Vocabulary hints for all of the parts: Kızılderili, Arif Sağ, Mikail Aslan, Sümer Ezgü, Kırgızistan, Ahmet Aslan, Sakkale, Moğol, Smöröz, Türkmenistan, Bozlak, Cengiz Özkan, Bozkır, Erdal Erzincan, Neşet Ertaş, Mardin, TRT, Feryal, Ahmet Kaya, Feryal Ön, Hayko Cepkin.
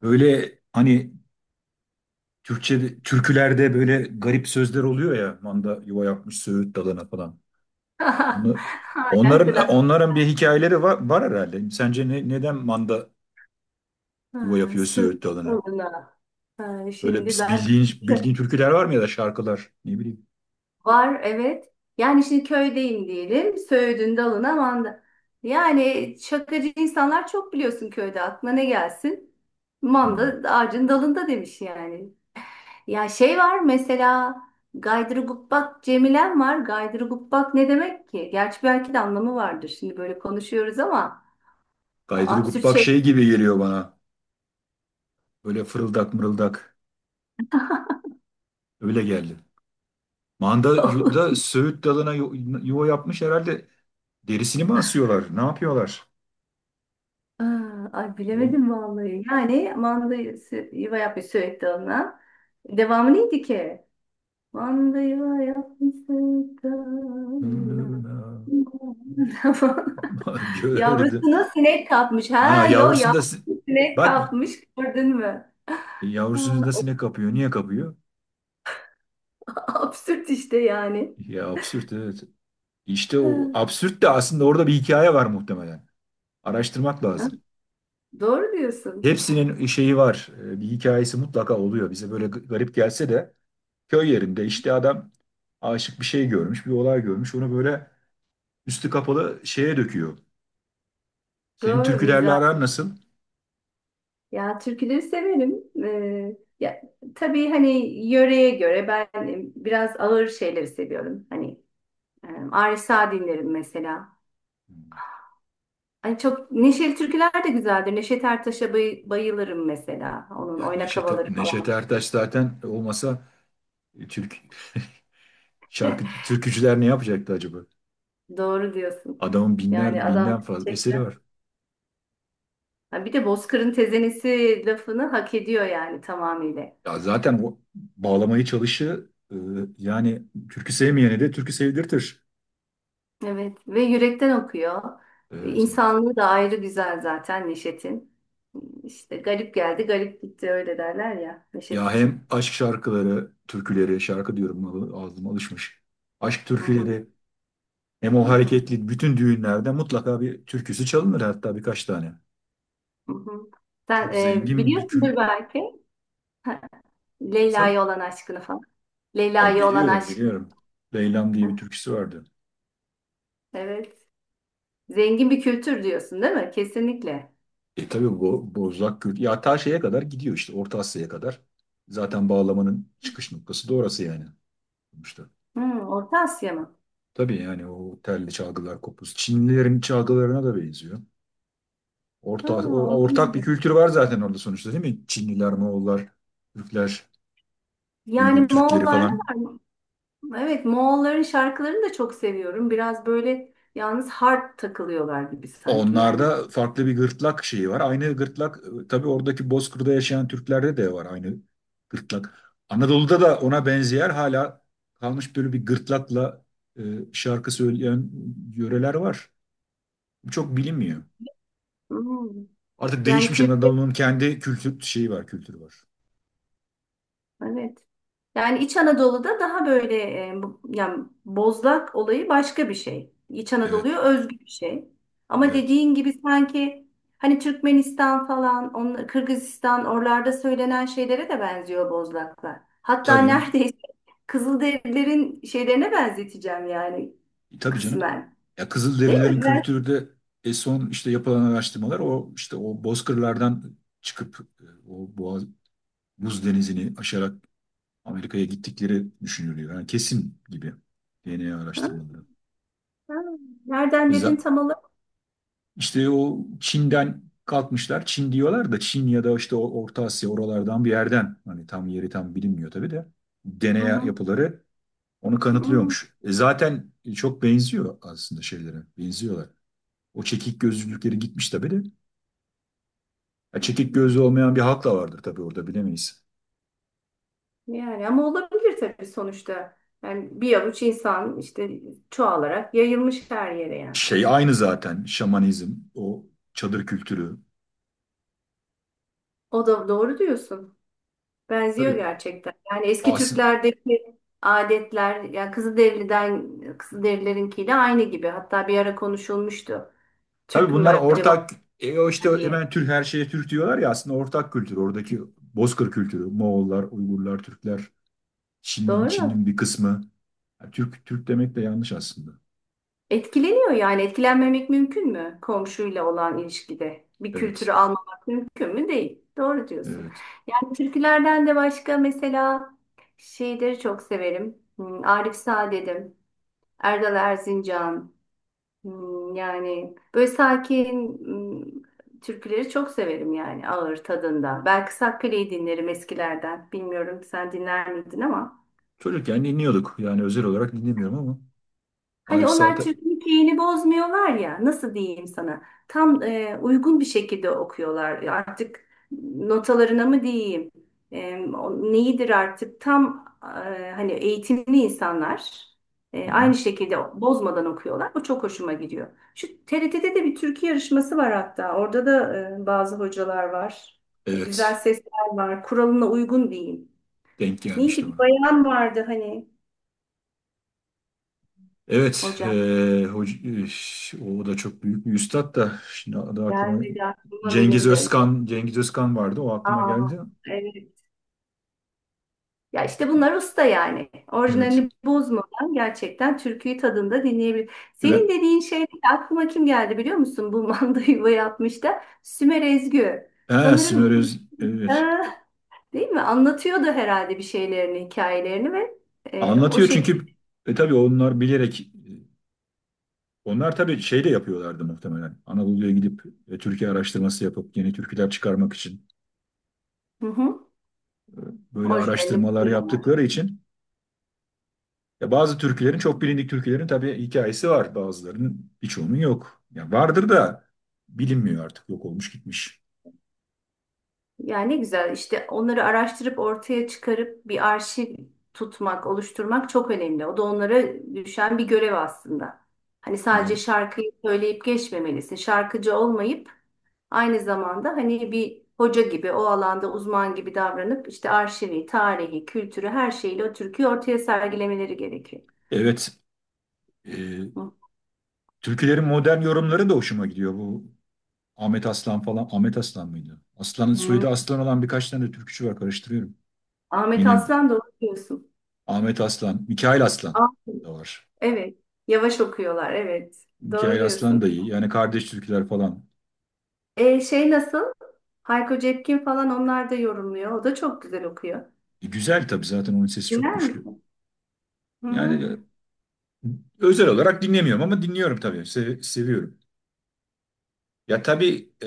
Öyle hani Türkçe türkülerde böyle garip sözler oluyor ya, manda yuva yapmış söğüt dalına falan. Onu Hala onların telaş. onların bir hikayeleri var herhalde. Sence neden manda yuva Ha, yapıyor söyle söğüt dalına? bana. Ha, Böyle şimdi biz ben bildiğin türküler var mı ya da şarkılar, ne bileyim. var evet. Yani şimdi köydeyim diyelim. Söğüdün dalına manda. Yani şakacı insanlar çok biliyorsun köyde. Aklına ne gelsin? Hmm. Manda ağacın dalında demiş yani. Ya şey var mesela Gaydırgubbak Cemilen var. Gaydırgubbak ne demek ki? Gerçi belki de anlamı vardır. Şimdi böyle konuşuyoruz ama Gaydruguk absürt bak şey. şey gibi geliyor bana. Böyle fırıldak mırıldak öyle geldi. Manda yu- da söğüt dalına yuva yapmış herhalde. Derisini mi asıyorlar? Ne yapıyorlar? Aa, ay O bilemedim vallahi. Yani yuva yapmış sürekli ona. Devamı neydi ki? Manda yuva yapmış sürekli ona. gördüm. Yavrusuna sinek kapmış. Ha Ha yo yavrusunda si- yavrusu sinek Bak, kapmış gördün mü? Ha, yavrusunu da o da sinek kapıyor. Niye kapıyor? absürt işte yani. Ya absürt, evet. İşte Ha, o absürt de aslında orada bir hikaye var muhtemelen. Araştırmak ha, lazım. doğru diyorsun. Hepsinin şeyi var. Bir hikayesi mutlaka oluyor. Bize böyle garip gelse de köy yerinde işte adam aşık bir şey görmüş, bir olay görmüş. Onu böyle üstü kapalı şeye döküyor. Senin Doğru türkülerle mizah. aran nasıl? Ya türküleri severim. Ya, tabii hani yöreye göre ben biraz ağır şeyleri seviyorum. Hani Arif Sağ dinlerim mesela. Hmm. Hani çok neşeli türküler de güzeldir. Neşet Ertaş'a bayılırım mesela. Onun Yani oynak Neşet, havaları Neşet falan. Ertaş zaten olmasa e, Türk, şarkı türkücüler ne yapacaktı acaba? Doğru diyorsun. Adamın Yani binler, adam binden fazla eseri gerçekten. var. Ha, bir de Bozkır'ın tezenesi lafını hak ediyor yani tamamıyla. Ya zaten o bağlamayı çalışı yani türkü sevmeyene de türkü sevdirtir. Evet ve yürekten okuyor. Evet, evet. İnsanlığı da ayrı güzel zaten Neşet'in. İşte garip geldi, garip gitti öyle derler ya Neşet Ya için. hem aşk şarkıları, türküleri, şarkı diyorum, ağzıma alışmış. Aşk Hı hı, türküleri, hem hı o hı, hareketli, bütün düğünlerde mutlaka bir türküsü çalınır, hatta birkaç tane. hı hı. Sen Çok zengin bir biliyorsundur belki, ha, insan, Leyla'ya olan aşkını falan. ama Leyla'ya olan biliyorum aşk. biliyorum. Leylam Hı, diye bir türküsü vardı. evet. Zengin bir kültür diyorsun değil mi? Kesinlikle. E tabii bu Bozlak Kürt ya ta şeye kadar gidiyor, işte Orta Asya'ya kadar. Zaten bağlamanın çıkış noktası da orası yani. İşte. Hı, Orta Asya mı? Tabii yani o telli çalgılar, kopuz. Çinlilerin çalgılarına da benziyor. Ha, onu Ortak bir bilmiyorum. kültür var zaten orada sonuçta, değil mi? Çinliler, Moğollar, Türkler, Yani Uygur Türkleri Moğollarla falan. var mı? Evet, Moğolların şarkılarını da çok seviyorum. Biraz böyle yalnız hard takılıyorlar gibi sanki. Yani Onlarda farklı bir gırtlak şeyi var. Aynı gırtlak, tabii oradaki Bozkır'da yaşayan Türklerde de var aynı gırtlak. Anadolu'da da ona benzeyen hala kalmış, böyle bir gırtlakla e, şarkı söyleyen yöreler var. Bu çok bilinmiyor. hmm, Artık yani değişmiş, kültür, Anadolu'nun kendi kültür şeyi var, kültürü var. evet. Yani İç Anadolu'da daha böyle, yani bozlak olayı başka bir şey. İç Evet, Anadolu'ya özgü bir şey. Ama evet. dediğin gibi sanki hani Türkmenistan falan, onlar, Kırgızistan oralarda söylenen şeylere de benziyor bozlaklar. Hatta Tabii, neredeyse Kızılderililerin şeylerine benzeteceğim yani tabii canım. kısmen. Ya Değil Kızılderililerin mi? kültürü de son işte yapılan araştırmalar, o işte o Bozkırlardan çıkıp o Boğaz, Buz Denizi'ni aşarak Amerika'ya gittikleri düşünülüyor. Yani kesin gibi, DNA Ha, araştırmaları. ha. Nereden dedin Bizzat tam olarak? işte o Çin'den kalkmışlar. Çin diyorlar da, Çin ya da işte o Orta Asya, oralardan bir yerden. Hani tam yeri bilinmiyor tabii de. Hı DNA hı. yapıları onu Hı. kanıtlıyormuş. E zaten çok benziyor aslında şeylere. Benziyorlar. O çekik gözlülükleri gitmiş tabii de. Ya çekik gözlü olmayan bir halk da vardır tabii orada, bilemeyiz. Yani ama olabilir tabii sonuçta. Yani bir avuç insan işte çoğalarak yayılmış her yere yani. Şey aynı zaten, şamanizm, o çadır kültürü. O da doğru diyorsun. Benziyor Tabii. gerçekten. Yani eski As Türklerdeki adetler ya Kızılderililerinkiyle aynı gibi. Hatta bir ara konuşulmuştu. tabii Türk mü bunlar acaba ortak, o işte diye. hemen Türk, her şeye Türk diyorlar ya, aslında ortak kültür oradaki Bozkır kültürü, Moğollar, Uygurlar, Türkler, Çin'in Doğru. Çin'in bir kısmı. Ya Türk demek de yanlış aslında. Etkileniyor yani etkilenmemek mümkün mü komşuyla olan ilişkide? Bir kültürü Evet. almamak mümkün mü? Değil. Doğru diyorsun. Evet. Yani türkülerden de başka mesela şeyleri çok severim. Hmm, Arif Saadet'im, Erdal Erzincan. Hmm, yani böyle sakin hmm, türküleri çok severim yani ağır tadında. Belki Sakkale'yi dinlerim eskilerden. Bilmiyorum sen dinler miydin ama. Çocukken dinliyorduk. Yani özel olarak dinlemiyorum ama Hani Arif onlar Saat'e. Türk'ün keyini bozmuyorlar ya nasıl diyeyim sana, tam uygun bir şekilde okuyorlar. Ya artık notalarına mı diyeyim, o neyidir artık tam, hani eğitimli insanlar Hı aynı hı. şekilde bozmadan okuyorlar, bu çok hoşuma gidiyor. Şu TRT'de de bir türkü yarışması var, hatta orada da bazı hocalar var. E, güzel Evet. sesler var, kuralına uygun diyeyim. Denk gelmişti Neydi, bir ona. bayan vardı hani Evet. Hocam, hoc- e, O da çok büyük bir üstad da, şimdi adı aklıma gelmedi aklıma Cengiz benim de. Özkan Cengiz Özkan vardı. O aklıma Aa, geldi. evet. Ya işte bunlar usta yani. Evet. Orijinalini bozmadan gerçekten türküyü tadında dinleyebilir. Ve Senin dediğin şey aklıma kim geldi biliyor musun? Bu manda yuva yapmış da Sümer Ezgü. ha, Sanırım bu, Smöröz, evet. aa, değil mi? Anlatıyordu herhalde bir şeylerini, hikayelerini ve o Anlatıyor şekilde, çünkü tabii onlar bilerek, onlar tabii şey de yapıyorlardı muhtemelen. Anadolu'ya gidip Türkiye araştırması yapıp yeni türküler çıkarmak için, hı hı, e, böyle orijinalini araştırmalar buldu. yaptıkları için ya, bazı türkülerin, çok bilindik türkülerin tabii hikayesi var. Bazılarının, birçoğunun yok. Ya vardır da bilinmiyor artık, yok olmuş gitmiş. Ya ne güzel işte onları araştırıp ortaya çıkarıp bir arşiv tutmak, oluşturmak çok önemli. O da onlara düşen bir görev aslında. Hani sadece E, şarkıyı söyleyip geçmemelisin. Şarkıcı olmayıp aynı zamanda hani bir hoca gibi, o alanda uzman gibi davranıp işte arşivi, tarihi, kültürü her şeyle o türküyü ortaya sergilemeleri gerekiyor. evet, e, Hı. türkülerin modern yorumları da hoşuma gidiyor, bu Ahmet Aslan falan. Ahmet Aslan mıydı? Aslan'ın Hmm. soyadı Aslan olan birkaç tane de türkücü var, karıştırıyorum. Ahmet Yine Aslan da okuyorsun. Ahmet Aslan, Mikail Aslan Ah, da var. evet. Yavaş okuyorlar. Evet. Doğru Mikail Aslan diyorsun. da iyi. Yani kardeş türküler falan. E, şey nasıl? Hayko Cepkin falan, onlar da yorumluyor. O da çok güzel okuyor. E, güzel tabii, zaten onun sesi çok Dinler güçlü. misin? Hı Yani hı. Özel olarak dinlemiyorum ama dinliyorum tabii. Seviyorum. Ya tabii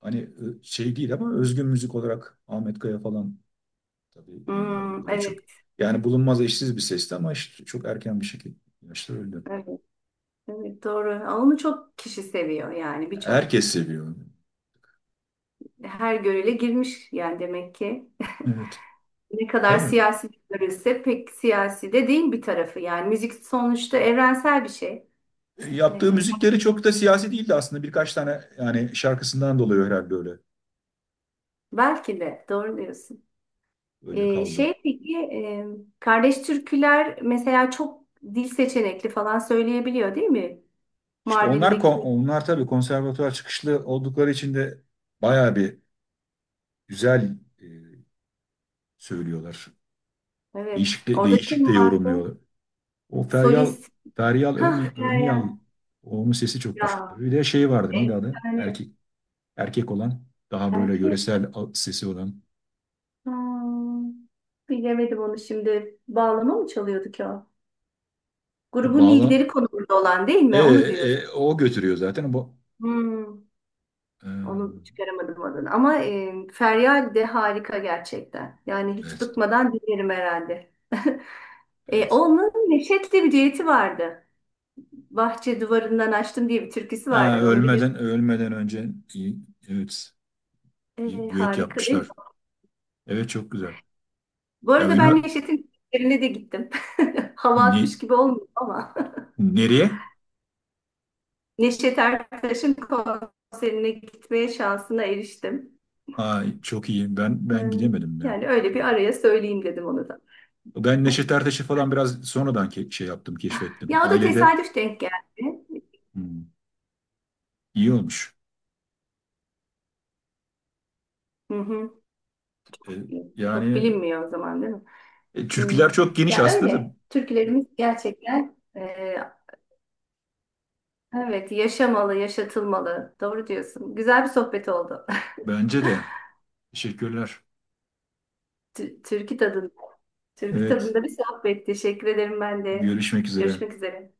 hani şey değil ama özgün müzik olarak Ahmet Kaya falan, tabii yani Hmm, o da çok. evet, Yani bulunmaz, eşsiz bir sesti ama işte çok erken bir şekilde yaşta öldü. evet, evet, doğru. Onu çok kişi seviyor yani, birçok Herkes seviyor onu. her görele girmiş yani demek ki. Evet. Ne kadar Tabii. siyasi görülse pek siyasi de değil bir tarafı, yani müzik sonuçta evrensel bir şey. E, yaptığı Ee, müzikleri çok da siyasi değildi aslında. Birkaç tane yani şarkısından dolayı herhalde öyle belki de doğru diyorsun. öyle kaldı. Şey peki, kardeş türküler mesela çok dil seçenekli falan söyleyebiliyor değil mi? İşte onlar Mardin'deki. onlar tabii konservatuvar çıkışlı oldukları için de bayağı bir güzel söylüyorlar. Evet. Değişik de, Orada kim değişik de vardı? yorumluyorlar. O Feryal, Solist. Feryal Hah Önyal, Meryem. onun sesi çok güçlü. Ya. Bir de şey vardı, neydi adı? Yani Erkek olan, daha böyle erkek. yöresel sesi olan, Hmm, bilemedim onu şimdi. Bağlama mı çalıyordu ki o? o Grubun lideri konumunda olan değil mi? Onu diyorsun. O götürüyor zaten bu, Hmm, e, onu çıkaramadım adını. Ama Feryal de harika gerçekten. Yani hiç evet. bıkmadan dinlerim herhalde. E, Evet. onun Neşet'le bir düeti vardı. Bahçe duvarından açtım diye bir türküsü Ha, vardı. Onu ölmeden bilirsin. ölmeden önce iyi, evet, iyi E, düet harika değil mi? yapmışlar. Evet, çok güzel. Bu Ya arada ben benim Neşet'in konserine de gittim. Hava ne, atmış gibi olmuyor ama. nereye? Neşet Ertaş'ın konserine gitmeye şansına eriştim. Ay çok iyi. Ben Ee, ben gidemedim ya. Yani öyle bir Gitmedim. araya söyleyeyim dedim onu da. Ben Neşet Ertaş'ı falan biraz sonradan keşfettim. Ya o da Ailede tesadüf denk geldi. hmm, iyi olmuş. Hı hı. E, Çok yani bilinmiyor o zaman değil mi? Hı. türküler çok geniş Ya aslında da, öyle. Türkülerimiz gerçekten, evet yaşamalı, yaşatılmalı. Doğru diyorsun. Güzel bir sohbet oldu. bence de. Teşekkürler. Türkü tadında. Türk Evet, tadında bir sohbet. Teşekkür ederim ben de. görüşmek üzere. Görüşmek üzere.